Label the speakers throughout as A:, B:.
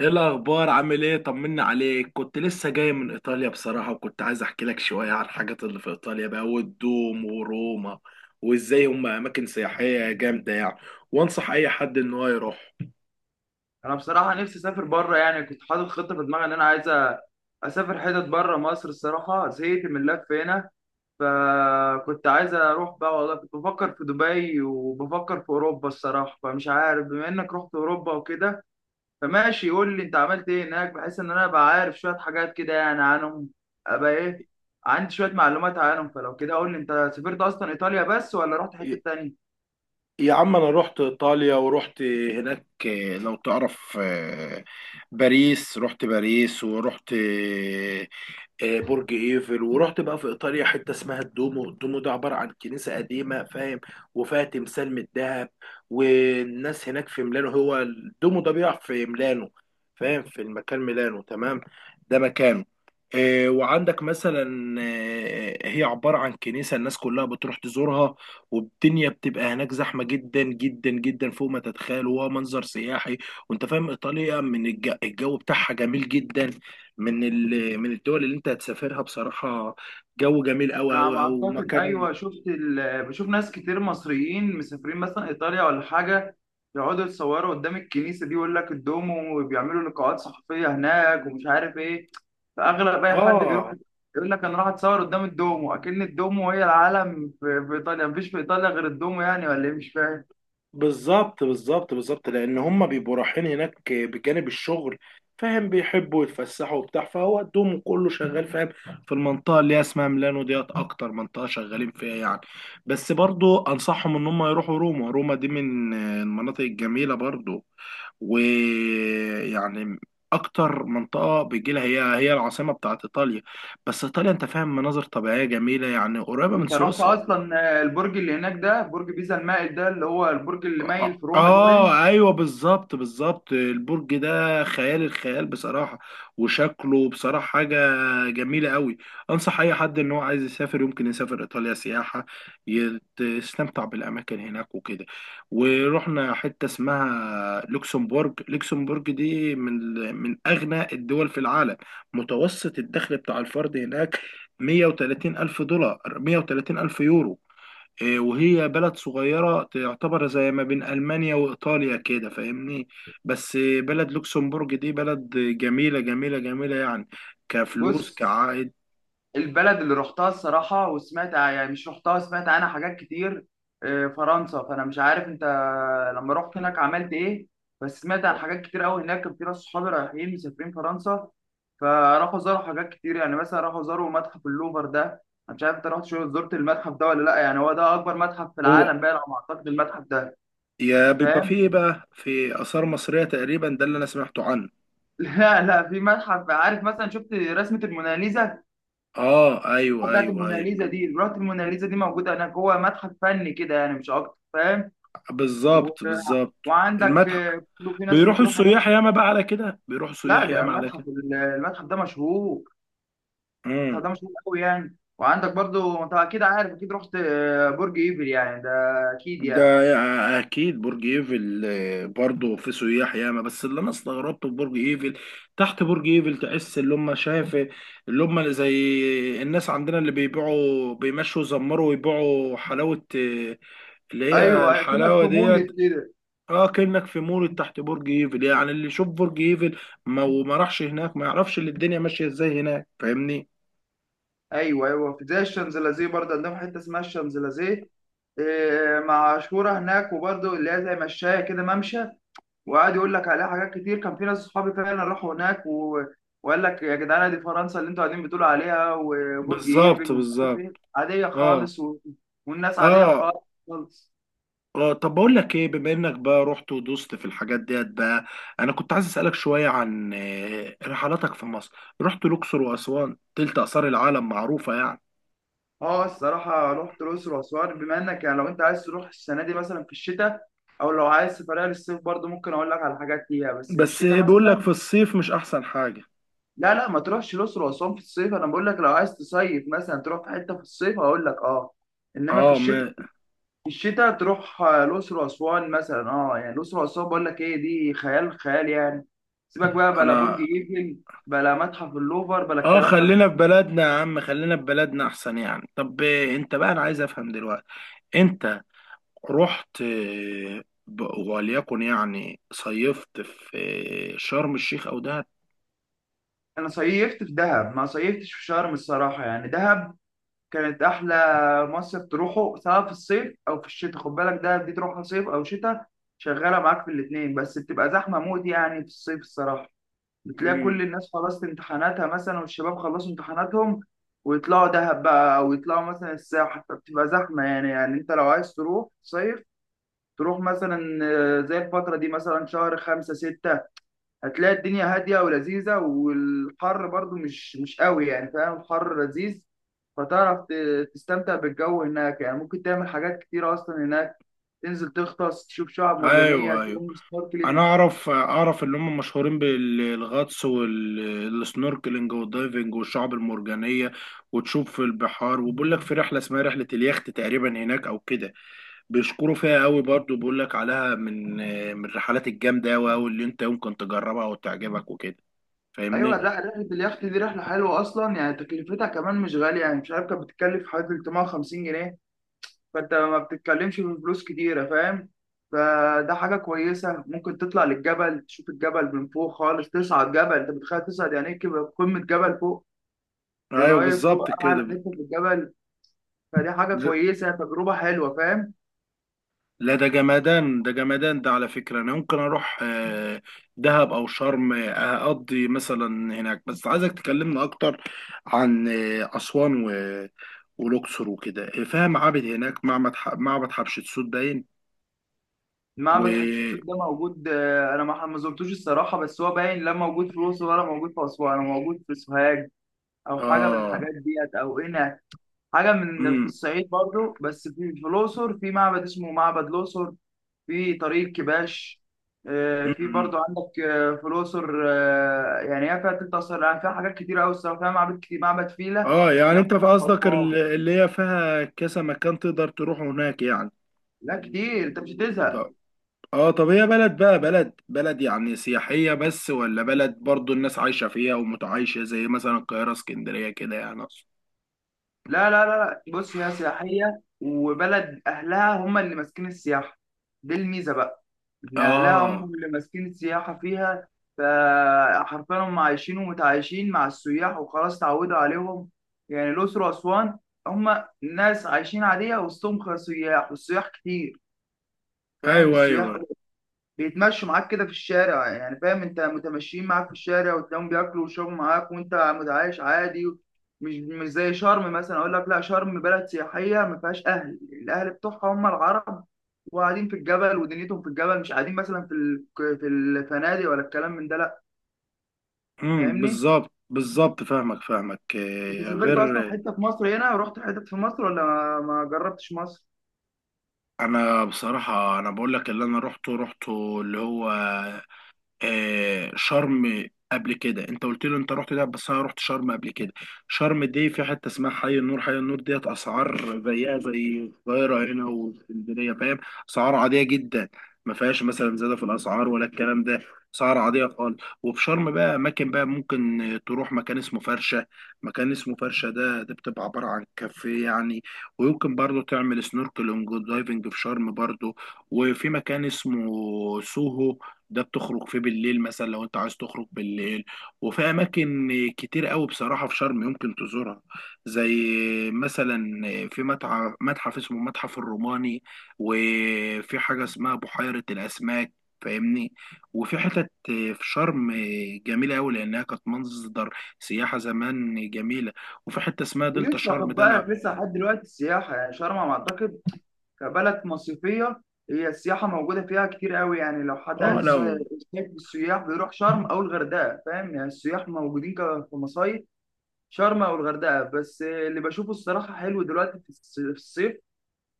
A: ايه الاخبار؟ عامل ايه؟ طمنا عليك. كنت لسه جاي من ايطاليا بصراحه، وكنت عايز احكي لك شويه عن الحاجات اللي في ايطاليا بقى، والدوم وروما، وازاي هم اماكن سياحيه جامده يعني، وانصح اي حد ان هو يروح.
B: انا بصراحه نفسي اسافر بره، كنت حاطط خطه في دماغي ان انا عايز اسافر حتت بره مصر. الصراحه زهقت من اللف هنا، فكنت عايز اروح بقى. والله كنت بفكر في دبي وبفكر في اوروبا الصراحه، فمش عارف. بما انك رحت اوروبا وكده، فماشي قول لي انت عملت ايه هناك بحيث ان انا ابقى عارف شويه حاجات كده عنهم. ابقى ايه، عندي شويه معلومات عنهم. فلو كده قول لي انت سافرت اصلا ايطاليا بس ولا رحت حته
A: ي-
B: تانية؟
A: يا عم انا رحت ايطاليا ورحت هناك. لو تعرف، باريس، رحت باريس ورحت برج ايفل. ورحت بقى في ايطاليا حته اسمها الدومو. الدومو ده عباره عن كنيسه قديمه، فاهم، وفيها تمثال من الذهب. والناس هناك في ميلانو، هو الدومو ده بيقع في ميلانو، فاهم، في المكان ميلانو، تمام، ده مكانه. وعندك مثلا، هي عباره عن كنيسه الناس كلها بتروح تزورها. والدنيا بتبقى هناك زحمه جدا جدا جدا، فوق ما تتخيل، وهو منظر سياحي. وانت فاهم ايطاليا من الجو بتاعها جميل جدا. من من الدول اللي انت هتسافرها بصراحة، جو جميل قوي
B: انا على
A: قوي،
B: ما
A: او
B: اعتقد
A: مكان.
B: ايوه، شفت بشوف ناس كتير مصريين مسافرين مثلا ايطاليا ولا حاجه، يقعدوا يتصوروا قدام الكنيسه دي ويقول لك الدومو، وبيعملوا لقاءات صحفيه هناك ومش عارف ايه. فاغلب اي حد بيروح
A: اه،
B: يقول لك انا راح اتصور قدام الدومو، اكن الدومو هي العالم في ايطاليا، مفيش في ايطاليا غير الدومو ولا ايه؟ مش فاهم.
A: بالظبط بالظبط بالظبط، لان هم بيبقوا رايحين هناك بجانب الشغل، فاهم، بيحبوا يتفسحوا وبتاع، فهو دوم كله شغال، فاهم، في المنطقه اللي هي اسمها ميلانو ديت، اكتر منطقه شغالين فيها يعني. بس برضو انصحهم ان هم يروحوا روما. روما دي من المناطق الجميله برضو، ويعني اكتر منطقه بيجي لها، هي العاصمه بتاعت ايطاليا. بس ايطاليا انت فاهم مناظر طبيعيه جميله، يعني قريبه من
B: انت رحت
A: سويسرا.
B: اصلا البرج اللي هناك ده، برج بيزا المائل ده، اللي هو البرج اللي مايل في روما ده باين؟
A: اه ايوه، بالظبط بالظبط، البرج ده خيال الخيال بصراحه، وشكله بصراحه حاجه جميله قوي. انصح اي حد ان هو عايز يسافر يمكن يسافر ايطاليا سياحه، يستمتع بالاماكن هناك وكده. ورحنا حته اسمها لوكسمبورج. لوكسمبورج دي من اغنى الدول في العالم. متوسط الدخل بتاع الفرد هناك 130 الف دولار، 130 الف يورو. وهي بلد صغيرة، تعتبر زي ما بين ألمانيا وإيطاليا كده، فاهمني؟ بس بلد لوكسمبورج دي بلد جميلة جميلة جميلة يعني، كفلوس
B: بص،
A: كعائد.
B: البلد اللي رحتها الصراحة وسمعت، يعني مش رحتها سمعت عنها حاجات كتير، فرنسا. فأنا مش عارف أنت لما رحت هناك عملت إيه، بس سمعت عن حاجات كتير أوي هناك. كان في ناس صحابي رايحين مسافرين فرنسا، فراحوا زاروا حاجات كتير يعني. مثلا راحوا زاروا متحف اللوفر ده، أنا مش عارف أنت رحت شو زرت المتحف ده ولا لأ. يعني هو ده أكبر متحف في
A: هو
B: العالم بقى على ما أعتقد، المتحف ده
A: يا بيبقى فيه
B: فاهم.
A: إيه بقى، في آثار مصرية تقريبا، ده اللي أنا سمعته عنه.
B: لا في متحف، عارف مثلا شفت رسمة الموناليزا
A: اه ايوه
B: بتاعت
A: ايوه ايوه،
B: الموناليزا دي؟ زرافه الموناليزا دي موجوده هناك، هو متحف فني كده يعني مش اكتر فاهم. و...
A: بالظبط بالظبط.
B: وعندك
A: المتحف
B: في ناس
A: بيروحوا
B: بتروح هناك.
A: السياح ياما بقى، على كده بيروحوا
B: لا
A: السياح
B: ده
A: ياما على
B: متحف، المتحف ده مشهور. المتحف
A: كده.
B: ده مشهور قوي يعني. وعندك برضو انت اكيد عارف، اكيد رحت برج ايفل ده اكيد
A: ده
B: يعني.
A: اكيد برج ايفل، برضه في سياح ياما. بس اللي انا استغربته في برج ايفل، تحت برج ايفل تحس اللي هم شايف، اللي هم زي الناس عندنا اللي بيبيعوا، بيمشوا يزمروا ويبيعوا حلاوة، اللي هي
B: ايوه، كأنك في
A: الحلاوة ديت.
B: مول كده.
A: اه، كأنك في مول تحت برج ايفل، يعني اللي يشوف برج ايفل ما وما راحش هناك ما يعرفش اللي الدنيا ماشية ازاي هناك، فاهمني؟
B: ايوه ايوه، في زي الشانزليزيه برضه، عندهم حته اسمها الشانزليزيه، آه، مشهوره هناك، وبرضه اللي هي زي مشايه كده، ممشى. وقعد يقول لك عليها حاجات كتير. كان في ناس صحابي فعلا راحوا هناك وقال لك يا جدعان دي فرنسا اللي انتوا قاعدين بتقولوا عليها، وبرج ايفل
A: بالظبط
B: ومش عارف
A: بالظبط.
B: ايه، عاديه
A: اه
B: خالص والناس عاديه
A: اه
B: خالص.
A: اه. طب بقول لك ايه، بما انك بقى رحت ودوست في الحاجات ديت بقى، انا كنت عايز اسالك شويه عن رحلاتك في مصر. رحت الاقصر واسوان، تلت اثار العالم معروفه يعني.
B: اه الصراحه رحت الاقصر واسوان. بما انك يعني لو انت عايز تروح السنه دي مثلا في الشتاء، او لو عايز سفريه للصيف برضه ممكن اقول لك على حاجات فيها، بس في
A: بس
B: الشتاء
A: بيقول لك
B: مثلا.
A: في الصيف مش احسن حاجه؟
B: لا لا، ما تروحش الاقصر واسوان في الصيف. انا بقول لك لو عايز تصيف مثلا تروح في حته في الصيف هقول لك اه، انما في
A: اه.
B: الشتاء،
A: ما
B: الشتاء تروح الأقصر وأسوان مثلا اه. يعني الأقصر وأسوان بقول لك ايه، دي خيال خيال يعني. سيبك بقى بلا برج
A: انا
B: ايفل، بلا متحف اللوفر، بلا
A: اه
B: الكلام ده
A: خلينا في
B: كله.
A: بلدنا يا عم، خلينا في بلدنا احسن يعني. طب انت بقى، انا عايز افهم دلوقتي، انت رحت وليكن يعني صيفت في شرم الشيخ او دهب؟
B: أنا صيفت في دهب ما صيفتش في شرم الصراحة. يعني دهب كانت أحلى مصيف، تروحه سواء في الصيف أو في الشتاء. خد بالك دهب دي تروحها صيف أو شتاء شغالة معاك في الاتنين، بس بتبقى زحمة موت يعني في الصيف الصراحة. بتلاقي
A: امم،
B: كل الناس خلصت امتحاناتها مثلا، والشباب خلصوا امتحاناتهم، ويطلعوا دهب بقى، او يطلعوا مثلا الساحل، فبتبقى زحمه يعني. انت لو عايز تروح صيف تروح مثلا زي الفتره دي مثلا، شهر خمسة ستة، هتلاقي الدنيا هاديه ولذيذه، والحر برضو مش قوي يعني، فاهم الحر لذيذ. فتعرف تستمتع بالجو هناك يعني. ممكن تعمل حاجات كتيره اصلا هناك، تنزل تغطس تشوف شعاب مرجانيه،
A: ايوه ايوه،
B: تعمل
A: انا
B: سنوركلينج.
A: اعرف اعرف ان هم مشهورين بالغطس والسنوركلينج والدايفنج والشعب المرجانيه، وتشوف في البحار. وبقول لك في رحله اسمها رحله اليخت تقريبا هناك او كده، بيشكروا فيها قوي برضو، بيقول لك عليها من الرحلات الجامده قوي قوي اللي انت يمكن تجربها وتعجبك وكده،
B: ايوه، لا
A: فاهمني؟
B: رحله اليخت دي رحله حلوه اصلا يعني، تكلفتها كمان مش غاليه يعني، مش عارف كانت بتتكلف حوالي 350 جنيه. فانت ما بتتكلمش في فلوس كتيره فاهم. فده حاجه كويسه. ممكن تطلع للجبل تشوف الجبل من فوق خالص، تصعد جبل انت متخيل؟ تصعد يعني ايه كده قمه جبل فوق، تبقى
A: ايوه،
B: واقف فوق
A: بالظبط
B: اعلى
A: كده.
B: حته في الجبل. فدي حاجه كويسه، تجربه حلوه فاهم.
A: لا، ده جمدان ده جمدان، ده على فكرة. أنا ممكن أروح دهب أو شرم، أقضي مثلا هناك. بس عايزك تكلمنا أكتر عن أسوان والأقصر وكده. فيها معابد هناك، معبد معبد حتشبسوت باين. و
B: معبد حتشبسوت ده موجود، انا ما زرتوش الصراحه، بس هو باين لا موجود في الاقصر ولا موجود في اسوان، هو موجود في سوهاج او حاجه من الحاجات
A: آه
B: ديت او قنا، حاجه من في
A: مم.
B: الصعيد برضو. بس في الاقصر في معبد اسمه معبد الاقصر، في طريق كباش، في
A: مم.
B: برضو عندك في الاقصر يعني هي فيها تلت اثار، يعني فيها حاجات كتير قوي الصراحه، فيها معابد كتير، معبد فيلة ده
A: يعني أنت في
B: موجود في
A: قصدك
B: اسوان.
A: اللي هي فيها كذا مكان تقدر تروح هناك يعني.
B: لا كتير، انت مش هتزهق.
A: اه، طب هي بلد بقى، بلد يعني سياحية بس، ولا بلد برضو الناس عايشة فيها ومتعايشة زي مثلا القاهرة اسكندرية كده، يعني أقصد.
B: لا. بص هي سياحيه، وبلد اهلها هم اللي ماسكين السياحه، دي الميزه بقى، إن أهلها هم
A: اه
B: اللي ماسكين السياحة فيها. فحرفيا هم عايشين ومتعايشين مع السياح وخلاص، اتعودوا عليهم. يعني الأقصر وأسوان هم ناس عايشين عادية وسطهم سياح، والسياح كتير فاهم.
A: ايوه
B: السياح
A: ايوه.
B: بيتمشوا معاك كده في الشارع يعني، فاهم انت متمشيين معاك في الشارع وتلاقيهم بياكلوا ويشربوا معاك وانت متعايش عادي. مش زي شرم مثلا، اقول لك لا شرم بلد سياحيه ما فيهاش اهل، الاهل بتوعها هم العرب وقاعدين في الجبل ودنيتهم في الجبل، مش قاعدين مثلا في في الفنادق ولا الكلام من ده لا.
A: امم،
B: فاهمني،
A: بالظبط بالظبط، فاهمك فاهمك.
B: انت سافرت
A: غير
B: اصلا حته في مصر هنا ورحت حته في مصر، ولا ما جربتش مصر؟
A: انا بصراحة، انا بقول لك اللي انا روحته اللي هو شرم. قبل كده انت قلت لي انت رحت دهب، بس انا رحت شرم قبل كده. شرم دي في حته اسمها حي النور. حي النور ديت اسعار زيها زي القاهره هنا والاسكندريه، فاهم، اسعار عاديه جدا، ما فيهاش مثلا زياده في الاسعار ولا الكلام ده، اسعار عاديه خالص. وفي شرم بقى اماكن بقى ممكن تروح، مكان اسمه فرشه. مكان اسمه فرشه ده بتبقى عباره عن كافيه يعني. ويمكن برضه تعمل سنوركلينج ودايفنج في شرم برضه. وفي مكان اسمه سوهو، ده بتخرج فيه بالليل، مثلا لو انت عايز تخرج بالليل. وفي اماكن كتير قوي بصراحه في شرم يمكن تزورها، زي مثلا في متحف اسمه متحف الروماني. وفي حاجه اسمها بحيره الاسماك، فاهمني؟ وفي حتت في شرم جميله قوي، لانها كانت مصدر سياحه زمان جميله. وفي حته اسمها دلتا
B: ولسه، خد
A: شرم ده.
B: بالك
A: لا.
B: لسه لحد دلوقتي السياحه، يعني شرم على ما اعتقد كبلد مصيفية هي السياحة موجودة فيها كتير قوي يعني. لو حد
A: اه،
B: عايز
A: لا.
B: يصيف السياح بيروح شرم أو الغردقة فاهم، يعني السياح موجودين كمصايف، شرم أو الغردقة. بس اللي بشوفه الصراحة حلو دلوقتي في في الصيف،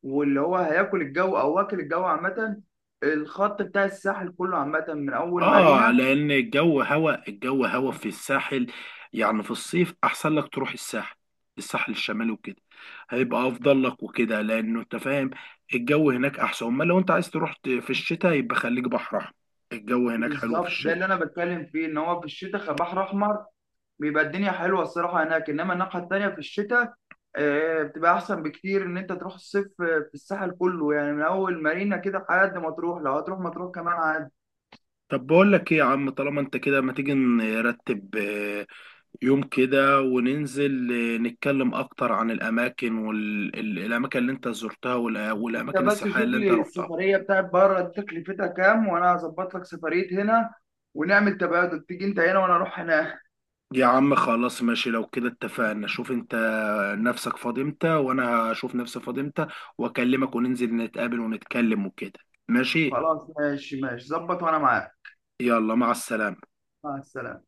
B: واللي هو هياكل الجو أو واكل الجو عامة، الخط بتاع الساحل كله عامة من أول
A: اه،
B: مارينا.
A: لان الجو هوا، الجو هوا في الساحل، يعني في الصيف احسن لك تروح الساحل الشمالي وكده، هيبقى افضل لك وكده، لانه انت فاهم الجو هناك احسن. امال لو انت عايز تروح في الشتاء، يبقى خليك بحر احمر، الجو هناك حلو في
B: بالظبط، ده
A: الشتاء.
B: اللي أنا بتكلم فيه، إن هو في الشتاء بحر أحمر بيبقى الدنيا حلوه الصراحه هناك. انما الناحيه التانيه في الشتاء، بتبقى احسن بكتير ان انت تروح الصيف، في الساحل كله يعني من اول مارينا كده لحد ما تروح، لو هتروح ما تروح كمان عادي.
A: طب بقول لك ايه يا عم، طالما انت كده ما تيجي نرتب يوم كده وننزل نتكلم اكتر عن الاماكن، اللي انت زرتها،
B: انت
A: والاماكن
B: بس
A: السياحية
B: شوف
A: اللي انت
B: لي
A: رحتها؟
B: السفريه بتاعت بره دي تكلفتها كام، وانا هظبط لك سفريه هنا، ونعمل تبادل، تيجي انت هنا وانا اروح هناك.
A: يا عم خلاص، ماشي، لو كده اتفقنا. شوف انت نفسك فاضي امتى، وانا هشوف نفسي فاضي امتى، واكلمك وننزل نتقابل ونتكلم وكده، ماشي.
B: خلاص ماشي ماشي، ظبط وانا معاك.
A: يلا، مع السلامة.
B: مع السلامه.